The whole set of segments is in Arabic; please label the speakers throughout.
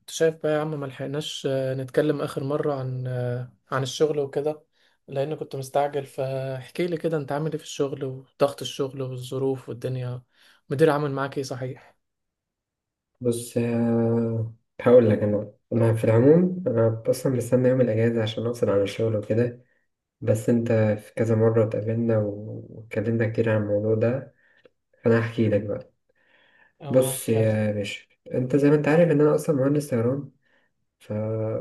Speaker 1: انت شايف بقى يا عم ما لحقناش نتكلم اخر مرة عن عن الشغل وكده، لان كنت مستعجل. فاحكي لي كده، انت عامل ايه في الشغل وضغط الشغل والظروف والدنيا؟ مدير عامل معاك ايه صحيح؟
Speaker 2: بص، هقول لك انا في العموم، انا اصلا مستني يوم الاجازه عشان افصل عن الشغل وكده. بس انت في كذا مره اتقابلنا واتكلمنا كتير عن الموضوع ده، فانا هحكي لك بقى.
Speaker 1: اه،
Speaker 2: بص
Speaker 1: معاك يلا.
Speaker 2: يا باشا، انت زي ما انت عارف ان انا اصلا مهندس طيران. ف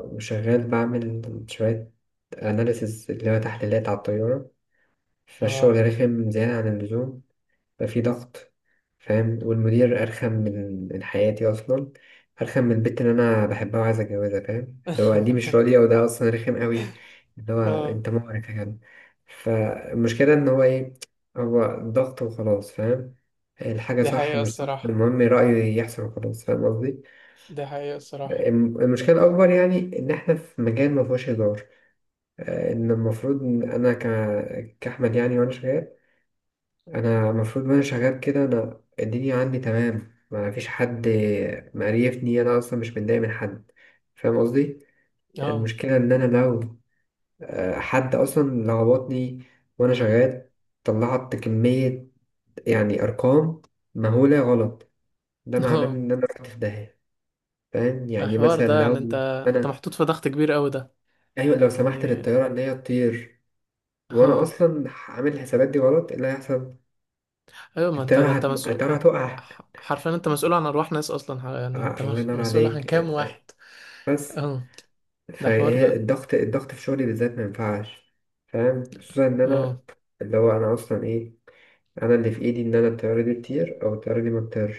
Speaker 2: وشغال بعمل شويه اناليسز اللي هو تحليلات على الطياره.
Speaker 1: اه.
Speaker 2: فالشغل رخم زياده عن اللزوم، بقى في ضغط، فاهم. والمدير أرخم من حياتي أصلا، أرخم من البنت اللي أنا بحبها وعايز أتجوزها، فاهم؟ اللي هو دي مش راضية، وده أصلا رخم قوي. اللي هو
Speaker 1: اه.
Speaker 2: أنت مقرف يا جدع. فالمشكلة إن هو إيه؟ هو ضغط وخلاص، فاهم. الحاجة
Speaker 1: دي
Speaker 2: صح
Speaker 1: حقيقة
Speaker 2: مش صح،
Speaker 1: الصراحة.
Speaker 2: المهم رأيه يحصل وخلاص، فاهم قصدي.
Speaker 1: دي حقيقة الصراحة.
Speaker 2: المشكلة الأكبر يعني إن إحنا في مجال مفهوش هزار. إن المفروض إن أنا كأحمد يعني، وأنا شغال. انا المفروض وانا شغال كده، انا الدنيا عندي تمام، ما فيش حد مقريفني، انا اصلا مش متضايق من حد، فاهم قصدي.
Speaker 1: اه.
Speaker 2: المشكله ان انا لو حد اصلا لخبطني وانا شغال، طلعت كميه يعني ارقام مهوله غلط، ده معناه
Speaker 1: اه.
Speaker 2: ان انا رحت في داهيه. فاهم؟ يعني
Speaker 1: الحوار
Speaker 2: مثلا
Speaker 1: ده يعني
Speaker 2: لو
Speaker 1: انت، انت
Speaker 2: انا،
Speaker 1: محطوط في ضغط كبير قوي ده
Speaker 2: ايوه، لو سمحت
Speaker 1: يعني.
Speaker 2: للطياره ان هي تطير وانا
Speaker 1: اه،
Speaker 2: اصلا عامل الحسابات دي غلط، إيه اللي هيحصل؟
Speaker 1: ايوه، ما انت
Speaker 2: الطياره
Speaker 1: ده انت مسؤول.
Speaker 2: الطياره هتقع.
Speaker 1: حرفيا انت مسؤول عن ارواح ناس اصلا، ح- يعني انت
Speaker 2: الله ينور
Speaker 1: مسؤول عن
Speaker 2: عليك.
Speaker 1: كام واحد؟
Speaker 2: بس
Speaker 1: اه، ده حوار
Speaker 2: فهي
Speaker 1: ده.
Speaker 2: الضغط في شغلي بالذات ما ينفعش، فاهم. خصوصا ان انا،
Speaker 1: اه.
Speaker 2: اللي هو انا اصلا ايه، انا اللي في ايدي ان انا الطياره دي تطير او الطياره دي ما تطيرش،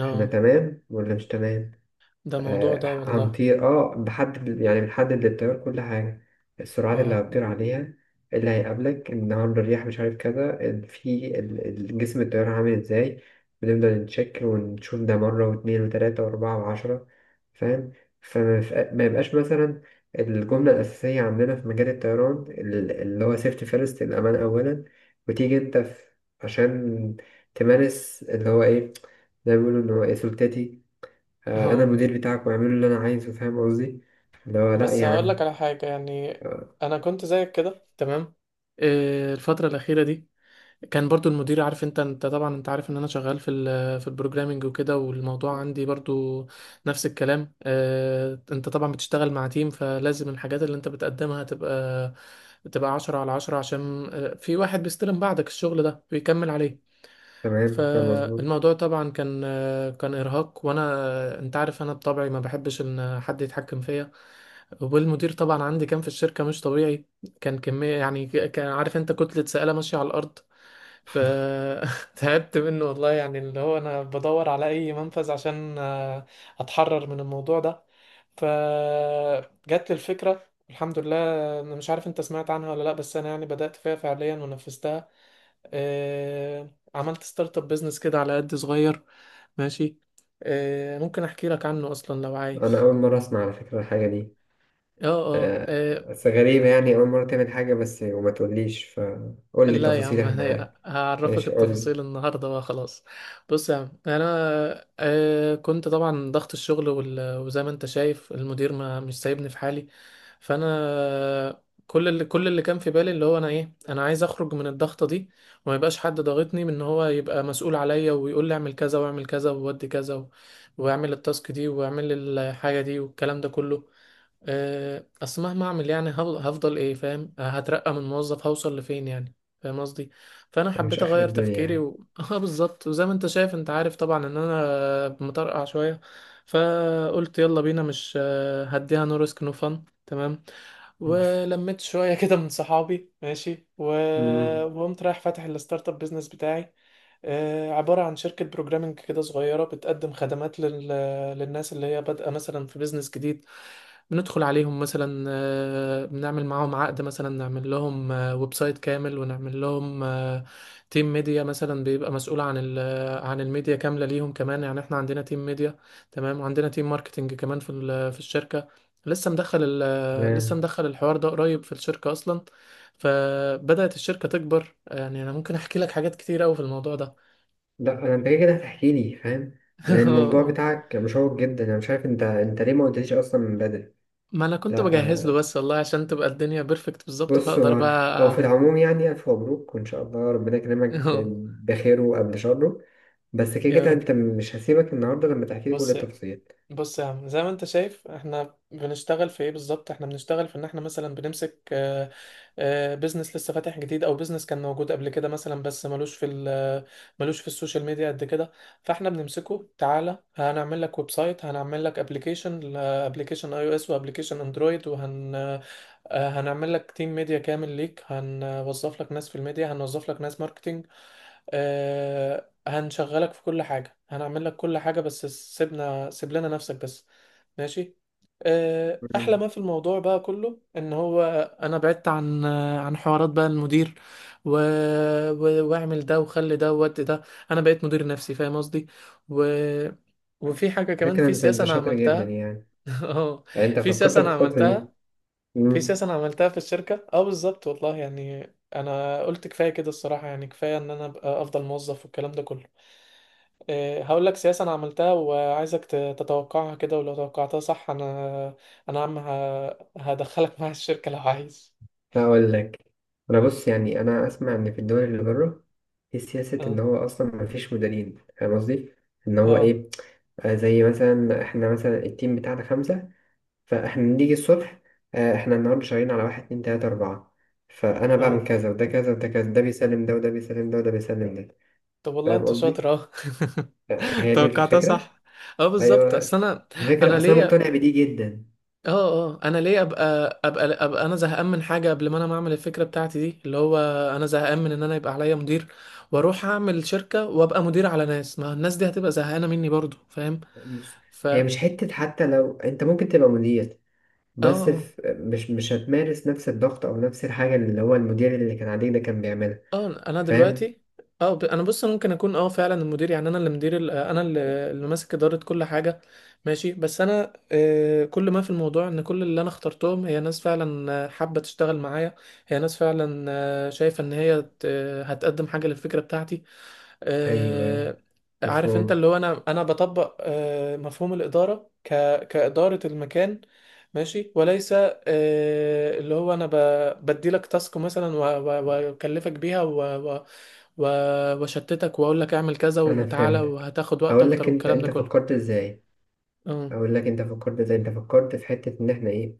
Speaker 2: احنا تمام ولا مش تمام.
Speaker 1: ده موضوع ده والله.
Speaker 2: هنطير، اه. بحدد يعني بنحدد للطيار كل حاجة، السرعات اللي
Speaker 1: اه.
Speaker 2: هتطير عليها، اللي هيقابلك النهاردة الرياح مش عارف كذا، جسم الطيارة عامل ازاي. بنفضل نتشك ونشوف ده مرة واتنين وتلاتة وأربعة وعشرة، فاهم. ما يبقاش مثلا الجملة الأساسية عندنا في مجال الطيران، اللي هو سيفتي فيرست، الأمان أولا. وتيجي أنت في، عشان تمارس اللي هو إيه، زي ما بيقولوا إن هو إيه سلطتي. انا
Speaker 1: اه،
Speaker 2: المدير بتاعك واعمله اللي انا عايزه، فاهم قصدي. اللي هو لا
Speaker 1: بس
Speaker 2: يا
Speaker 1: هقول
Speaker 2: عم.
Speaker 1: لك على حاجة يعني.
Speaker 2: آه،
Speaker 1: انا كنت زيك كده تمام. إيه الفترة الأخيرة دي، كان برضو المدير عارف، انت انت طبعا انت عارف ان انا شغال في ال في البروجرامينج وكده، والموضوع عندي برضو نفس الكلام. إيه، انت طبعا بتشتغل مع تيم، فلازم الحاجات اللي انت بتقدمها تبقى تبقى عشرة على عشرة، عشان في واحد بيستلم بعدك الشغل ده بيكمل عليه.
Speaker 2: تمام، كان مظبوط.
Speaker 1: فالموضوع طبعا كان كان ارهاق، وانا انت عارف انا بطبعي ما بحبش ان حد يتحكم فيا. والمدير طبعا عندي كان في الشركه مش طبيعي. كان كميه يعني، ك- كان، عارف انت، كتله سائله ماشيه على الارض. فتعبت منه والله، يعني اللي هو انا بدور على اي منفذ عشان اتحرر من الموضوع ده. فجت لي الفكرة الحمد لله. انا مش عارف انت سمعت عنها ولا لا، بس انا يعني بدأت فيها فعليا ونفذتها. عملت ستارت اب بيزنس كده على قد صغير، ماشي. ممكن احكي لك عنه اصلا لو
Speaker 2: انا
Speaker 1: عايز.
Speaker 2: اول مره اسمع على فكره الحاجه دي.
Speaker 1: اه، اه.
Speaker 2: بس غريبه يعني، اول مره تعمل حاجه بس وما تقوليش. فقول لي
Speaker 1: لا يا عم،
Speaker 2: تفاصيلها
Speaker 1: انا
Speaker 2: معاك.
Speaker 1: هعرفك
Speaker 2: ماشي قول لي.
Speaker 1: التفاصيل النهارده بقى، خلاص. بص يا عم، انا كنت طبعا ضغط الشغل وزي ما انت شايف المدير ما مش سايبني في حالي. فانا كل اللي كان في بالي اللي هو انا ايه، انا عايز اخرج من الضغطه دي، وما يبقاش حد ضاغطني من ان هو يبقى مسؤول عليا ويقول لي اعمل كذا واعمل كذا وودي كذا واعمل التاسك دي واعمل الحاجه دي والكلام ده كله. اصل مهما اعمل يعني، هل- هفضل ايه فاهم، هترقى من موظف هوصل لفين يعني؟ فاهم قصدي؟ فانا
Speaker 2: مش
Speaker 1: حبيت
Speaker 2: اخر
Speaker 1: اغير
Speaker 2: الدنيا
Speaker 1: تفكيري
Speaker 2: يعني.
Speaker 1: و... اه بالظبط. وزي ما انت شايف، انت عارف طبعا ان انا مطرقع شويه. فقلت يلا بينا مش هديها، نو ريسك نو فن، تمام.
Speaker 2: مم.
Speaker 1: ولميت شويه كده من صحابي، ماشي و...
Speaker 2: امم
Speaker 1: وقمت رايح فاتح الستارت اب بيزنس بتاعي. عبارة عن شركة بروجرامنج كده صغيرة، بتقدم خدمات لل... للناس اللي هي بادئة مثلا في بيزنس جديد. بندخل عليهم مثلا، بنعمل معاهم عقد، مثلا نعمل لهم ويب سايت كامل، ونعمل لهم تيم ميديا مثلا بيبقى مسؤول عن عن الميديا كاملة ليهم. كمان يعني احنا عندنا تيم ميديا تمام، وعندنا تيم ماركتينج كمان في في الشركة. لسه مدخل لسه
Speaker 2: لا
Speaker 1: مدخل الحوار ده قريب في الشركة أصلا. فبدأت الشركة تكبر. يعني أنا ممكن أحكي لك حاجات كتير أوي في الموضوع ده.
Speaker 2: لا، انا انت كده كده هتحكي لي، فاهم. لأن الموضوع بتاعك مشوق جدا، انا مش عارف انت ليه ما قلتليش اصلا من بدري.
Speaker 1: ما أنا كنت بجهز له
Speaker 2: لا
Speaker 1: بس والله، عشان تبقى الدنيا بيرفكت بالظبط
Speaker 2: بص،
Speaker 1: فأقدر
Speaker 2: هو في
Speaker 1: بقى.
Speaker 2: العموم يعني ألف مبروك، وإن شاء الله ربنا يكرمك بخيره قبل شره. بس كده
Speaker 1: يا
Speaker 2: كده
Speaker 1: رب.
Speaker 2: أنت مش هسيبك النهاردة لما تحكي لي كل
Speaker 1: بص.
Speaker 2: التفاصيل.
Speaker 1: بص يا عم، زي ما انت شايف احنا بنشتغل في ايه بالظبط. احنا بنشتغل في ان احنا مثلا بنمسك بيزنس لسه فاتح جديد، او بيزنس كان موجود قبل كده مثلا، بس ملوش ملوش في السوشيال ميديا قد كده. فاحنا بنمسكه، تعالى هنعمل لك ويب سايت، هنعمل لك ابلكيشن، ابلكيشن اي او اس وابلكيشن اندرويد، وهن آه، هنعمل لك تيم ميديا كامل ليك، هنوظف لك ناس في الميديا، هنوظف لك ناس ماركتنج. آه، هنشغلك في كل حاجة، هنعمل لك كل حاجة، بس سيبنا، سيب لنا نفسك بس، ماشي. آه، أحلى
Speaker 2: مم.
Speaker 1: ما في الموضوع بقى كله إن هو أنا بعدت عن عن حوارات بقى المدير و... و... واعمل ده وخلي ده وودي ده. أنا بقيت مدير نفسي فاهم قصدي. و... وفي حاجة كمان،
Speaker 2: فكرة،
Speaker 1: في
Speaker 2: أنت
Speaker 1: سياسة
Speaker 2: أنت
Speaker 1: أنا
Speaker 2: شاطر جدا
Speaker 1: عملتها.
Speaker 2: يعني.
Speaker 1: اه،
Speaker 2: أنت
Speaker 1: في
Speaker 2: فكرت
Speaker 1: سياسة
Speaker 2: في
Speaker 1: أنا
Speaker 2: الخطوة دي.
Speaker 1: عملتها. في
Speaker 2: مم.
Speaker 1: سياسة أنا عملتها في الشركة، اه بالظبط والله يعني. أنا قلت كفاية كده الصراحة، يعني كفاية إن أنا أبقى أفضل موظف والكلام ده كله. إيه، هقول لك سياسة أنا عملتها وعايزك ت- تتوقعها كده، ولو توقعتها صح أنا أنا عم ه- هدخلك معايا الشركة لو عايز.
Speaker 2: هقول لك أنا. بص يعني، أنا أسمع إن في الدول اللي بره في سياسة إن
Speaker 1: اه.
Speaker 2: هو أصلا مفيش مديرين، فاهم قصدي؟ إن هو
Speaker 1: اه.
Speaker 2: إيه. زي مثلا إحنا مثلا التيم بتاعنا خمسة، فاحنا نيجي الصبح. احنا النهارده شغالين على واحد اتنين تلاتة أربعة، فأنا
Speaker 1: اه،
Speaker 2: بعمل كذا وده كذا وده كذا، ده بيسلم ده وده بيسلم ده وده بيسلم ده،
Speaker 1: طب والله
Speaker 2: فاهم
Speaker 1: أنت
Speaker 2: قصدي؟
Speaker 1: شاطر. اه.
Speaker 2: هي دي
Speaker 1: توقعتها
Speaker 2: الفكرة؟
Speaker 1: صح. اه بالظبط،
Speaker 2: أيوه،
Speaker 1: اصل انا انا
Speaker 2: الفكرة أصل أنا
Speaker 1: ليا.
Speaker 2: مقتنع بدي جدا.
Speaker 1: اه. اه، انا ليه ابقى ابقى. انا زهقان من حاجه قبل ما انا ما اعمل الفكره بتاعتي دي، اللي هو انا زهقان من ان انا يبقى عليا مدير، واروح اعمل شركه وابقى مدير على ناس، ما الناس دي هتبقى زهقانه مني برضو فاهم.
Speaker 2: بص،
Speaker 1: ف
Speaker 2: هي
Speaker 1: اه.
Speaker 2: مش حتة. حتى لو أنت ممكن تبقى مدير، بس
Speaker 1: آه.
Speaker 2: في مش هتمارس نفس الضغط أو نفس الحاجة اللي هو المدير اللي كان عليك ده كان بيعملها،
Speaker 1: اه انا
Speaker 2: فاهم؟
Speaker 1: دلوقتي. اه، ب- انا بص، انا ممكن اكون اه فعلا المدير، يعني انا اللي مدير ال- انا اللي اللي ماسك اداره كل حاجه، ماشي. بس انا كل ما في الموضوع ان كل اللي انا اخترتهم هي ناس فعلا حابه تشتغل معايا. هي ناس فعلا شايفه ان هي ت- هتقدم حاجه للفكره بتاعتي.
Speaker 2: أيوه،
Speaker 1: آه، عارف انت،
Speaker 2: مفهوم.
Speaker 1: اللي هو انا انا بطبق مفهوم الاداره ك كاداره المكان، ماشي. وليس اللي هو انا ب- بديلك تاسك مثلا واكلفك بيها و- واشتتك واقول لك اعمل كذا
Speaker 2: أنا
Speaker 1: وتعالى،
Speaker 2: فهمتك.
Speaker 1: وهتاخد وقت
Speaker 2: هقول
Speaker 1: اكتر
Speaker 2: لك، أنت
Speaker 1: والكلام ده
Speaker 2: أنت
Speaker 1: كله.
Speaker 2: فكرت إزاي؟
Speaker 1: امم.
Speaker 2: اقول لك انت فكرت ازاي. انت فكرت في حتة ان احنا ايه،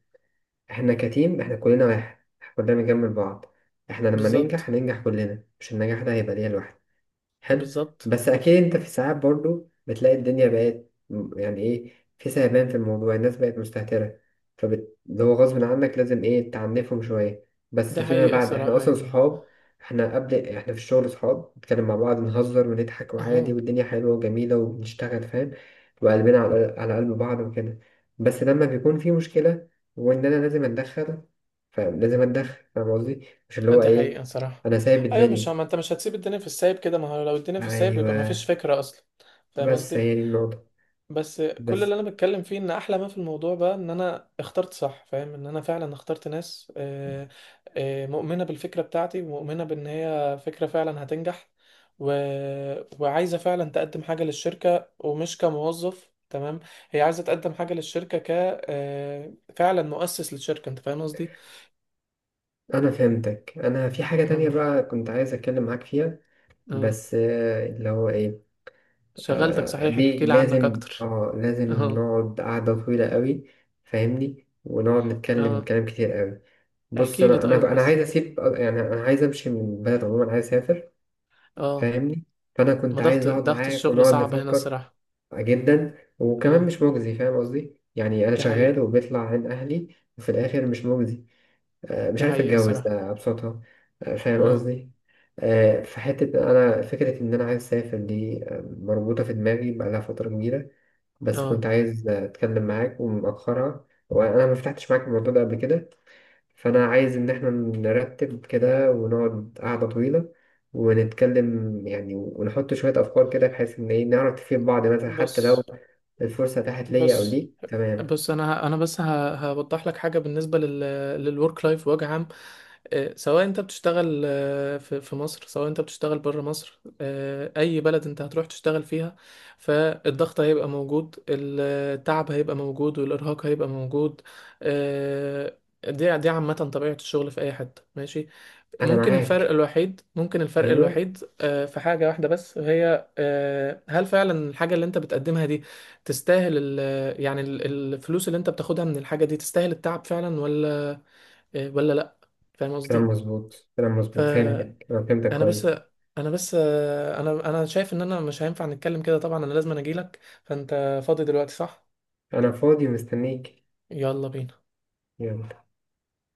Speaker 2: احنا كتيم، احنا كلنا واحد، احنا كلنا بنكمل بعض. احنا لما
Speaker 1: بالظبط.
Speaker 2: ننجح هننجح كلنا، مش النجاح ده هيبقى ليا لوحدي. حلو.
Speaker 1: بالظبط.
Speaker 2: بس اكيد انت في ساعات برضو بتلاقي الدنيا بقت يعني ايه، في سهبان في الموضوع، الناس بقت مستهترة. اللي هو غصب عنك لازم ايه، تعنفهم شوية. بس
Speaker 1: دي
Speaker 2: فيما
Speaker 1: حقيقه
Speaker 2: بعد احنا
Speaker 1: الصراحه
Speaker 2: اصلا
Speaker 1: يعني.
Speaker 2: صحاب. احنا قبل، احنا في الشغل صحاب، بنتكلم مع بعض نهزر ونضحك وعادي،
Speaker 1: اهو.
Speaker 2: والدنيا حلوة وجميلة وبنشتغل، فاهم. وقلبنا على قلب بعض وكده. بس لما بيكون في مشكلة وان انا لازم اتدخل، فلازم اتدخل، فاهم قصدي. مش اللي هو
Speaker 1: دي حقيقه
Speaker 2: ايه،
Speaker 1: الصراحه.
Speaker 2: انا سايب
Speaker 1: ايوه، مش
Speaker 2: الدنيا.
Speaker 1: ما انت مش هتسيب الدنيا في السايب كده، ما هو لو الدنيا في السايب يبقى ما
Speaker 2: ايوه،
Speaker 1: فيش فكره اصلا فاهم
Speaker 2: بس
Speaker 1: قصدي.
Speaker 2: هي دي النقطة.
Speaker 1: بس كل
Speaker 2: بس
Speaker 1: اللي انا بتكلم فيه ان احلى ما في الموضوع بقى ان انا اخترت صح فاهم، ان انا فعلا اخترت ناس، مؤمنة بالفكرة بتاعتي ومؤمنة بان هي فكرة فعلا هتنجح و... وعايزة فعلا تقدم حاجة للشركة ومش كموظف، تمام. هي عايزة تقدم حاجة للشركة ك فعلا مؤسس للشركة، انت فاهم قصدي؟
Speaker 2: أنا فهمتك. أنا في حاجة تانية
Speaker 1: اه.
Speaker 2: بقى كنت عايز أتكلم معاك فيها.
Speaker 1: اه.
Speaker 2: بس اللي هو إيه،
Speaker 1: شغلتك صحيح، احكي
Speaker 2: دي
Speaker 1: لي عنك
Speaker 2: لازم
Speaker 1: اكتر.
Speaker 2: آه لازم
Speaker 1: اه.
Speaker 2: نقعد قعدة طويلة قوي، فاهمني. ونقعد نتكلم
Speaker 1: اه.
Speaker 2: كلام كتير قوي. بص،
Speaker 1: احكي لي
Speaker 2: أنا أنا
Speaker 1: طيب
Speaker 2: أنا
Speaker 1: بس.
Speaker 2: عايز أسيب، يعني أنا عايز أمشي من البلد عموما، عايز أسافر،
Speaker 1: اه.
Speaker 2: فاهمني. فأنا
Speaker 1: ما
Speaker 2: كنت
Speaker 1: ضغط
Speaker 2: عايز أقعد
Speaker 1: ضغط
Speaker 2: معاك
Speaker 1: الشغل
Speaker 2: ونقعد
Speaker 1: صعب هنا
Speaker 2: نفكر.
Speaker 1: الصراحة.
Speaker 2: جدا، وكمان
Speaker 1: اه،
Speaker 2: مش مجزي، فاهم قصدي. يعني أنا
Speaker 1: دي
Speaker 2: شغال
Speaker 1: حقيقة.
Speaker 2: وبيطلع عين أهلي وفي الآخر مش مجزي. مش
Speaker 1: دي
Speaker 2: عارف
Speaker 1: حقيقة
Speaker 2: اتجوز،
Speaker 1: الصراحة.
Speaker 2: ده ابسطها. فاهم
Speaker 1: اه.
Speaker 2: قصدي. في حتة انا فكرة ان انا عايز اسافر دي، مربوطة في دماغي بقالها فترة كبيرة. بس كنت
Speaker 1: اه.
Speaker 2: عايز اتكلم معاك ومأخرها، وانا ما فتحتش معاك الموضوع ده قبل كده. فانا عايز ان احنا نرتب كده ونقعد قعدة طويلة ونتكلم يعني، ونحط شوية افكار كده بحيث ان ايه نعرف نفيد بعض مثلا، حتى لو
Speaker 1: بص.
Speaker 2: الفرصة اتاحت ليا او
Speaker 1: بس
Speaker 2: ليك، تمام.
Speaker 1: بس انا ه- هوضح لك حاجه بالنسبه لل للورك لايف بوجه عام. سواء انت بتشتغل في في مصر، سواء انت بتشتغل بره مصر، اي بلد انت هتروح تشتغل فيها، فالضغط هيبقى موجود، التعب هيبقى موجود، والارهاق هيبقى موجود. آه، دي دي عامه طبيعه الشغل في اي حته، ماشي.
Speaker 2: انا
Speaker 1: ممكن الفرق
Speaker 2: معاك.
Speaker 1: الوحيد، ممكن الفرق
Speaker 2: ايوه،
Speaker 1: الوحيد في حاجة واحدة بس، وهي هل فعلا الحاجة اللي انت بتقدمها دي تستاهل ال يعني ال- الفلوس اللي انت بتاخدها من الحاجة دي تستاهل التعب فعلا ولا ولا لا؟ فاهم
Speaker 2: كلام
Speaker 1: قصدي.
Speaker 2: مظبوط كلام مظبوط، فهمتك.
Speaker 1: فانا
Speaker 2: أنا فهمتك
Speaker 1: بس،
Speaker 2: كويس.
Speaker 1: انا بس انا انا شايف ان انا مش هينفع نتكلم كده طبعا، انا لازم اجيلك. فانت فاضي دلوقتي صح؟
Speaker 2: أنا فاضي ومستنيك.
Speaker 1: يلا بينا.
Speaker 2: يلا.